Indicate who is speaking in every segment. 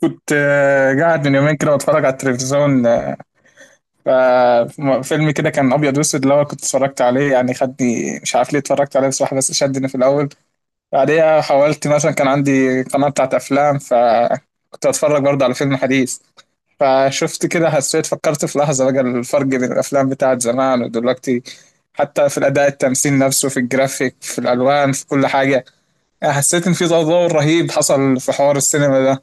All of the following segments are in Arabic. Speaker 1: كنت قاعد من يومين كده بتفرج على التلفزيون. ففيلم كده كان ابيض واسود اللي هو كنت اتفرجت عليه، يعني خدني مش عارف ليه اتفرجت عليه بصراحه، بس شدني في الاول. بعديها حاولت، مثلا كان عندي قناه بتاعت افلام، فكنت اتفرج برضه على فيلم حديث. فشفت كده، حسيت، فكرت في لحظه بقى الفرق بين الافلام بتاعت زمان ودلوقتي، حتى في الاداء، التمثيل نفسه، في الجرافيك، في الالوان، في كل حاجه. يعني حسيت ان في تطور رهيب حصل في حوار السينما ده.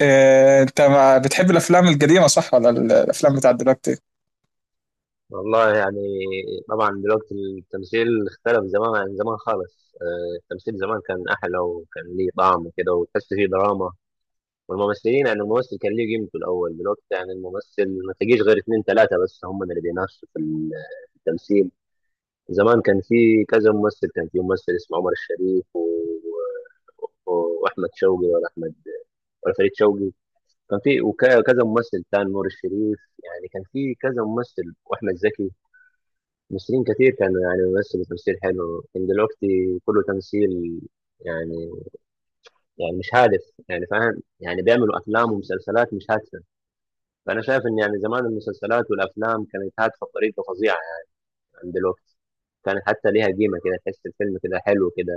Speaker 1: إيه، انت ما بتحب الافلام القديمه، صح؟ ولا الافلام بتاعت دلوقتي؟
Speaker 2: والله يعني. طبعا دلوقتي التمثيل اختلف زمان عن زمان خالص، التمثيل زمان كان أحلى وكان ليه طعم كده وتحس فيه دراما. والممثلين يعني الممثل كان ليه قيمته الأول. دلوقتي يعني الممثل ما تجيش غير اتنين تلاتة بس، هم اللي بينافسوا في في التمثيل. زمان كان في كذا ممثل، كان في ممثل اسمه عمر الشريف و... و- وأحمد شوقي، ولا أحمد ولا فريد شوقي. كان في وكذا ممثل تاني، نور الشريف، يعني كان في كذا ممثل وأحمد زكي. ممثلين كتير كانوا يعني بيمثلوا تمثيل حلو. كان دلوقتي كله تمثيل يعني، يعني مش هادف يعني، فاهم؟ يعني بيعملوا افلام ومسلسلات مش هادفه. فانا شايف ان يعني زمان المسلسلات والافلام كانت هادفه بطريقه فظيعه يعني عن دلوقتي. كانت حتى ليها قيمه كده، تحس الفيلم كده حلو كده،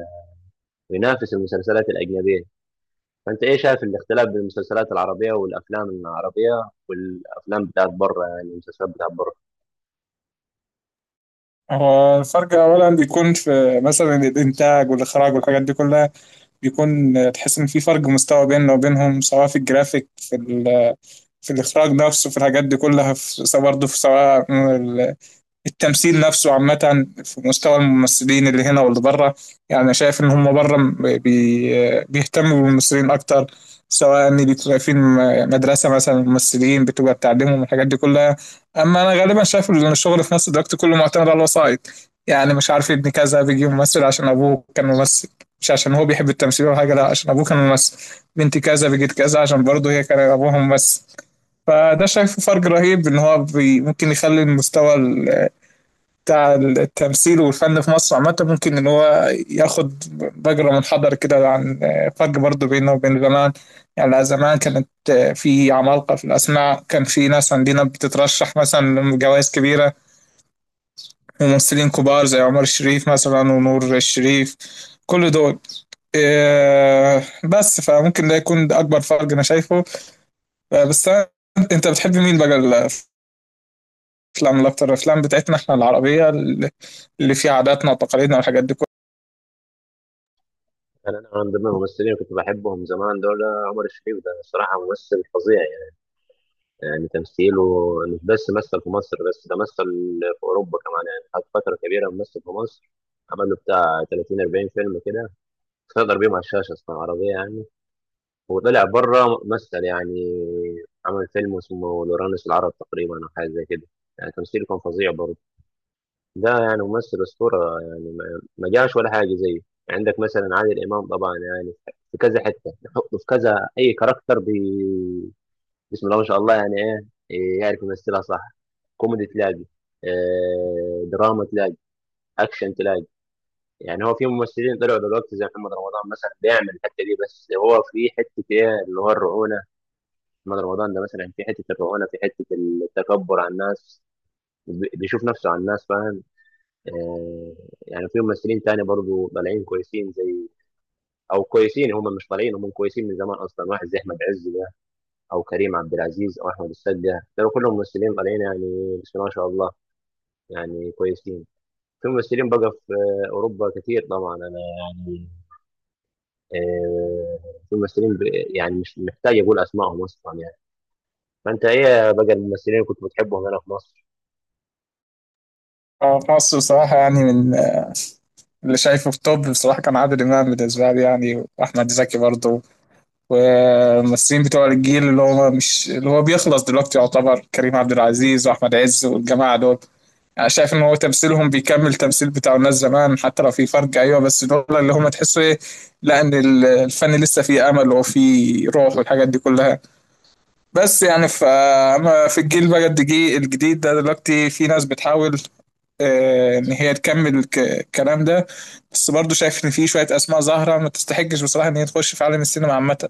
Speaker 2: وينافس المسلسلات الاجنبيه. فانت ايه شايف الاختلاف بين المسلسلات العربيه والافلام العربيه والافلام بتاعت بره، يعني المسلسلات بتاعت بره؟
Speaker 1: هو الفرق اولا بيكون في مثلا الانتاج والاخراج والحاجات دي كلها. بيكون، تحس ان في فرق مستوى بيننا وبينهم، سواء في الجرافيك، في في الاخراج نفسه، في الحاجات دي كلها، في سواء برضه في سواء التمثيل نفسه عامة، في مستوى الممثلين اللي هنا واللي بره. يعني أنا شايف إن هم بره م- بي بيهتموا بالممثلين أكتر، سواء إن بيبقى في مدرسة مثلا ممثلين بتبقى بتعلمهم الحاجات دي كلها. أما أنا غالبا شايف إن الشغل في مصر دلوقتي كله معتمد على الوسائط. يعني مش عارف، ابن كذا بيجي ممثل عشان أبوه كان ممثل، مش عشان هو بيحب التمثيل ولا حاجة، لا عشان أبوه كان ممثل. بنت كذا بيجت كذا عشان برضه هي كان أبوها ممثل. فده شايفه فرق رهيب، ان هو ممكن يخلي المستوى بتاع التمثيل والفن في مصر عامة، ممكن إن هو ياخد مجرى منحدر كده، عن فرق برضه بينه وبين زمان. يعني زمان كانت، في عمالقة في الأسماء، كان في ناس عندنا بتترشح مثلا لجوائز كبيرة، ممثلين كبار زي عمر الشريف مثلا ونور الشريف، كل دول. إيه، بس فممكن ده يكون ده أكبر فرق أنا شايفه. بس أنت بتحب مين بقى الأفلام الأكتر؟ الأفلام بتاعتنا إحنا العربية، اللي فيها عاداتنا وتقاليدنا والحاجات دي كلها.
Speaker 2: يعني انا من ضمن الممثلين اللي كنت بحبهم زمان دول عمر الشريف. ده الصراحه ممثل فظيع، يعني تمثيله مش بس مثل في مصر، بس ده مثل في أوروبا كمان. يعني قعد فترة كبيرة ممثل في مصر، عمل له بتاع 30 40 فيلم كده، سيطر بيهم على الشاشة أصلا عربية يعني. وطلع بره مثل يعني، عمل فيلم اسمه لورانوس العرب تقريبا أو حاجة زي كده. يعني تمثيله كان فظيع برضه. ده يعني ممثل أسطورة، يعني ما جاش ولا حاجة زيه. عندك مثلا عادل إمام طبعا، يعني في كذا حتة نحطه، في كذا أي كاركتر. بسم الله ما شاء الله يعني، إيه، يعرف يمثلها صح. كوميدي تلاقي، دراما تلاقي، اكشن تلاقي. يعني هو في ممثلين طلعوا دلوقتي زي محمد رمضان مثلا، بيعمل الحته دي، بس هو في حته ايه، اللي هو الرعونه. محمد رمضان ده مثلا في حته الرعونه، في حته التكبر على الناس، بيشوف نفسه على الناس، فاهم؟ آه، يعني في ممثلين تاني برضه طالعين كويسين، زي، او كويسين، هم مش طالعين، هم كويسين من زمان اصلا، واحد زي احمد عز ده، او كريم عبد العزيز، او احمد السقا. دول كلهم ممثلين طالعين يعني، بسم الله ما شاء الله، يعني كويسين. في ممثلين بقى في أوروبا كتير طبعا، أنا يعني، آه، يعني مش محتاج أقول أسمائهم أصلا يعني. فأنت إيه بقى الممثلين اللي كنت بتحبهم هنا في مصر؟
Speaker 1: اه، في مصر بصراحة يعني من اللي شايفه في توب، بصراحة كان عادل إمام بالنسبة لي يعني، وأحمد زكي برضه. والممثلين بتوع الجيل اللي هو مش اللي هو بيخلص دلوقتي، يعتبر كريم عبد العزيز وأحمد عز والجماعة دول. يعني شايف إن هو تمثيلهم بيكمل تمثيل بتاع الناس زمان، حتى لو في فرق، أيوه، بس دول اللي هم تحسوا إيه، لا، إن الفن لسه فيه أمل وفيه روح والحاجات دي كلها. بس يعني، أما في الجيل بقى الجديد، الجديد ده دلوقتي في ناس بتحاول ان هي تكمل الكلام ده. بس برضو شايف ان في شويه اسماء ظاهره ما تستحقش بصراحه ان هي تخش في عالم السينما عامه.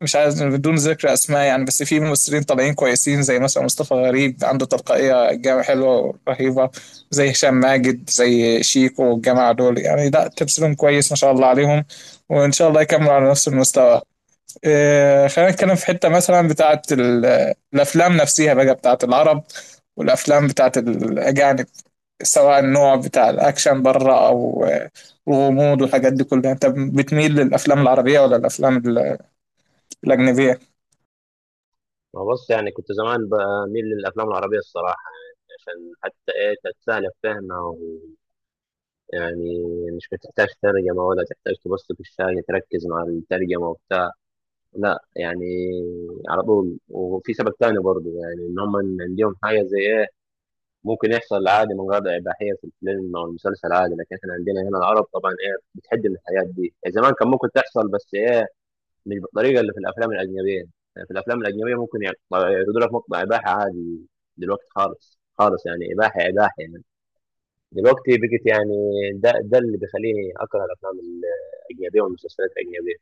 Speaker 1: مش عايز بدون ذكر اسماء يعني، بس في ممثلين طالعين كويسين زي مثلا مصطفى غريب، عنده تلقائيه جامعة حلوه رهيبه، زي هشام ماجد، زي شيكو والجماعه دول. يعني لا، تمثيلهم كويس ما شاء الله عليهم، وان شاء الله يكملوا على نفس المستوى. خلينا نتكلم في حته مثلا بتاعه الافلام نفسها بقى، بتاعه العرب والافلام بتاعه الاجانب، سواء النوع بتاع الأكشن بره، أو الغموض والحاجات دي كلها. أنت بتميل للأفلام العربية ولا الأفلام الأجنبية؟
Speaker 2: ما بص، يعني كنت زمان بميل للأفلام العربية الصراحة، يعني عشان حتى إيه، تتسهل في فهمها يعني مش بتحتاج ترجمة، ولا تحتاج تبص في الشاشة تركز مع الترجمة وبتاع، لا يعني على طول. وفي سبب تاني برضه، يعني إن هم عندهم حاجة زي إيه، ممكن يحصل عادي من غير إباحية في الفيلم أو المسلسل عادي. لكن إحنا عندنا هنا العرب طبعا إيه، بتحد من الحاجات دي. يعني زمان كان ممكن تحصل بس إيه، مش بالطريقة اللي في الأفلام الأجنبية. يعني في الأفلام الأجنبية ممكن يعني يعرضوا لك مقطع إباحة عادي، دلوقتي خالص خالص، يعني إباحة إباحة يعني، دلوقتي بقت يعني. ده اللي بيخليني أكره الأفلام الأجنبية والمسلسلات الأجنبية.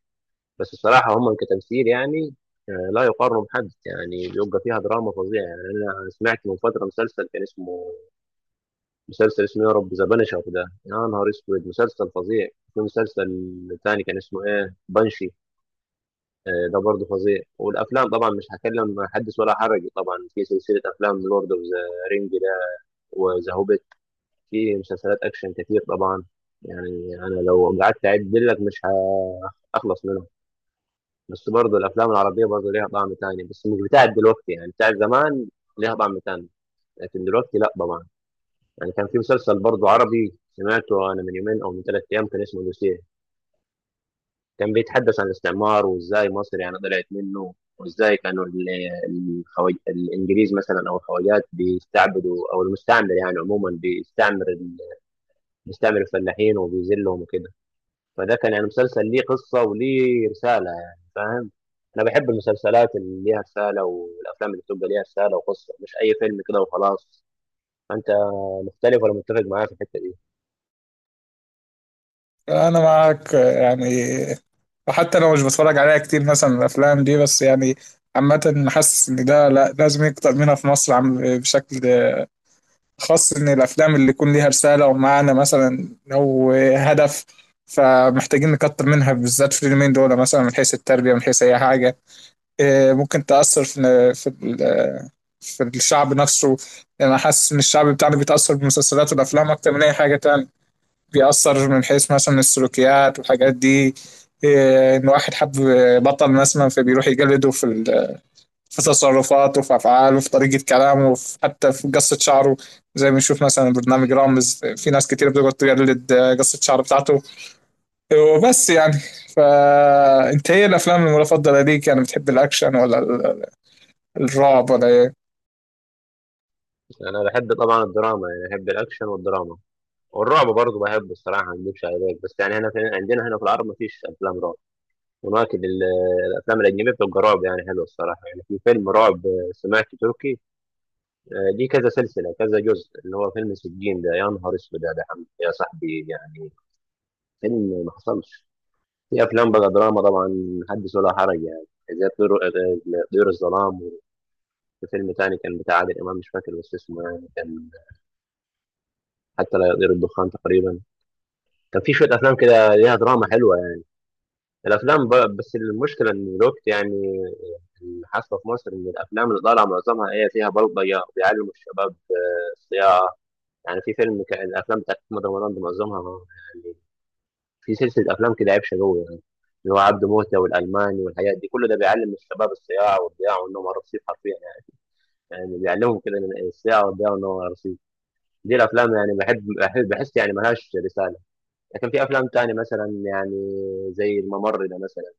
Speaker 2: بس الصراحة هم كتمثيل يعني، لا يقارنوا بحد. يعني بيبقى فيها دراما فظيعة. يعني أنا سمعت من فترة مسلسل كان اسمه، مسلسل اسمه يا رب ذا بنشر ده، يا نهار اسود، مسلسل فظيع. في مسلسل تاني كان اسمه ايه، بنشي، ده برضه فظيع. والافلام طبعا مش هكلم، حدث ولا حرج طبعا، في سلسله افلام لورد اوف ذا رينج ده، وذا هوبيت. في مسلسلات اكشن كتير طبعا، يعني انا لو قعدت اعد لك مش هخلص منهم. بس برضه الافلام العربيه برضه ليها طعم تاني، بس مش بتاعت دلوقتي، يعني بتاعت زمان ليها طعم تاني، لكن دلوقتي لا طبعا. يعني كان في مسلسل برضه عربي سمعته انا من يومين او من ثلاث ايام، كان اسمه دوسيه. كان بيتحدث عن الاستعمار، وازاي مصر يعني طلعت منه، وازاي كانوا الانجليز مثلا او الخواجات بيستعبدوا، او المستعمر يعني عموما بيستعمر بيستعمر الفلاحين وبيذلهم وكده. فده كان يعني مسلسل ليه قصه وليه رساله، يعني فاهم؟ انا بحب المسلسلات اللي ليها رساله، والافلام اللي بتبقى ليها رساله وقصه، مش اي فيلم كده وخلاص. انت مختلف ولا متفق معايا في الحته دي؟
Speaker 1: أنا معاك، يعني وحتى لو مش بتفرج عليها كتير مثلا الأفلام دي، بس يعني عامة حاسس إن ده لا لازم يكتر منها في مصر عم، بشكل خاص إن الأفلام اللي يكون ليها رسالة ومعنى مثلا أو هدف. فمحتاجين نكتر منها بالذات في اليومين دول، مثلا من حيث التربية، من حيث أي حاجة. إيه، ممكن تأثر في في الشعب نفسه. يعني أنا حاسس إن الشعب بتاعنا بيتأثر بالمسلسلات والأفلام أكتر من أي حاجة تاني. بيأثر من حيث مثلا السلوكيات والحاجات دي. إيه، إن واحد حب بطل مثلا، فبيروح يجلده في في تصرفاته، في أفعاله، في طريقة كلامه، في حتى في قصة شعره. زي ما نشوف مثلا برنامج رامز، في ناس كتير بتقعد تجلد قصة شعر بتاعته وبس يعني. فأنت إيه الأفلام المفضلة ليك؟ يعني بتحب الأكشن، ولا الرعب، ولا إيه؟
Speaker 2: يعني انا بحب طبعا الدراما، يعني بحب الاكشن والدراما، والرعب برضه بحبه الصراحه، ما اكذبش عليك. بس يعني هنا في عندنا هنا في العرب ما فيش افلام رعب. هناك الافلام الاجنبيه بتبقى رعب، يعني حلوه الصراحه. يعني في فيلم رعب سمعت تركي، دي كذا سلسله كذا جزء، اللي هو فيلم سجين ده، يا نهار اسود، يا ده حمد يا صاحبي، يعني فيلم ما حصلش. في افلام بقى دراما طبعا حدث ولا حرج يعني، زي طيور، طيور الظلام. وفي فيلم تاني كان بتاع عادل امام مش فاكر بس اسمه، يعني كان حتى لا يطير الدخان تقريبا. كان في شويه افلام كده ليها دراما حلوه يعني. الافلام بس المشكله ان الوقت يعني اللي حاصله في مصر، ان الافلام اللي طالعه معظمها ايه، فيها بلطجه وبيعلموا الشباب الصياعه. يعني في فيلم كان، الافلام بتاعت محمد رمضان دي معظمها يعني، في سلسله افلام كده، عيب شقوي يعني، اللي هو عبده موته والالماني والحاجات دي كله، ده بيعلم الشباب الصياعه والضياع وانهم رصيف حرفيا يعني. يعني بيعلمهم كده إن الصياعه والضياع وانهم رصيف. دي الافلام يعني بحس يعني ملهاش رساله. لكن في افلام تانية مثلا يعني زي الممر ده مثلا،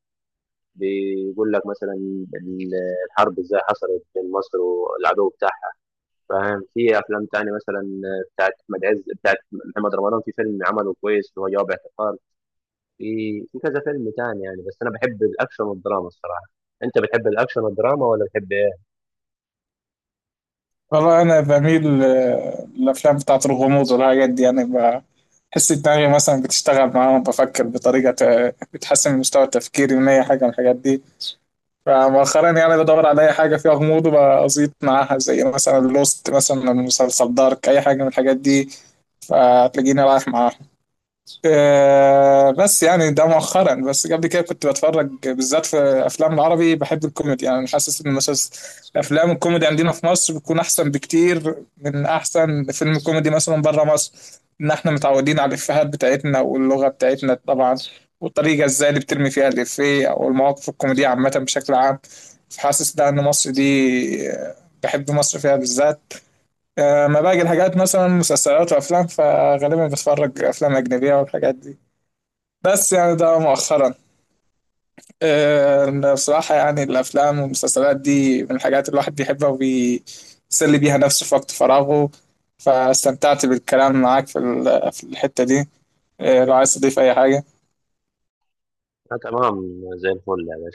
Speaker 2: بيقول لك مثلا ال- الحرب ازاي حصلت بين مصر والعدو بتاعها، فاهم؟ في افلام تانية مثلا بتاعت احمد عز، بتاعت محمد رمضان، في فيلم عمله كويس اللي هو جواب اعتقال. في في كذا فيلم تاني يعني. بس انا بحب الاكشن والدراما الصراحة. انت بتحب الاكشن والدراما، ولا بتحب ايه؟
Speaker 1: والله انا بميل، للافلام بتاعت الغموض والحاجات دي يعني. بحس دماغي مثلا بتشتغل معاهم، بفكر بطريقه بتحسن من مستوى تفكيري، من اي حاجه من الحاجات دي. فمؤخرا يعني بدور على اي حاجه فيها غموض وبزيط معاها، زي مثلا لوست، مثلا مسلسل دارك، اي حاجه من الحاجات دي، فتلاقيني رايح معاها. بس يعني ده مؤخرا، بس قبل كده كنت بتفرج بالذات في افلام العربي. بحب الكوميدي، يعني حاسس ان افلام الكوميدي عندنا في مصر بتكون احسن بكتير من احسن فيلم كوميدي مثلا بره مصر، ان احنا متعودين على الافيهات بتاعتنا واللغه بتاعتنا طبعا، والطريقه ازاي اللي بترمي فيها الافيه او المواقف الكوميديه عامه بشكل عام. فحاسس ده ان مصر دي، بحب مصر فيها بالذات. ما باقي الحاجات مثلا مسلسلات وافلام، فغالبا بتفرج افلام اجنبيه والحاجات دي، بس يعني ده مؤخرا. بصراحة يعني الأفلام والمسلسلات دي من الحاجات اللي الواحد بيحبها وبيسلي بيها نفسه في وقت فراغه. فاستمتعت بالكلام معاك في في الحتة دي. لو عايز تضيف أي حاجة.
Speaker 2: آه تمام، زي الفل يعني.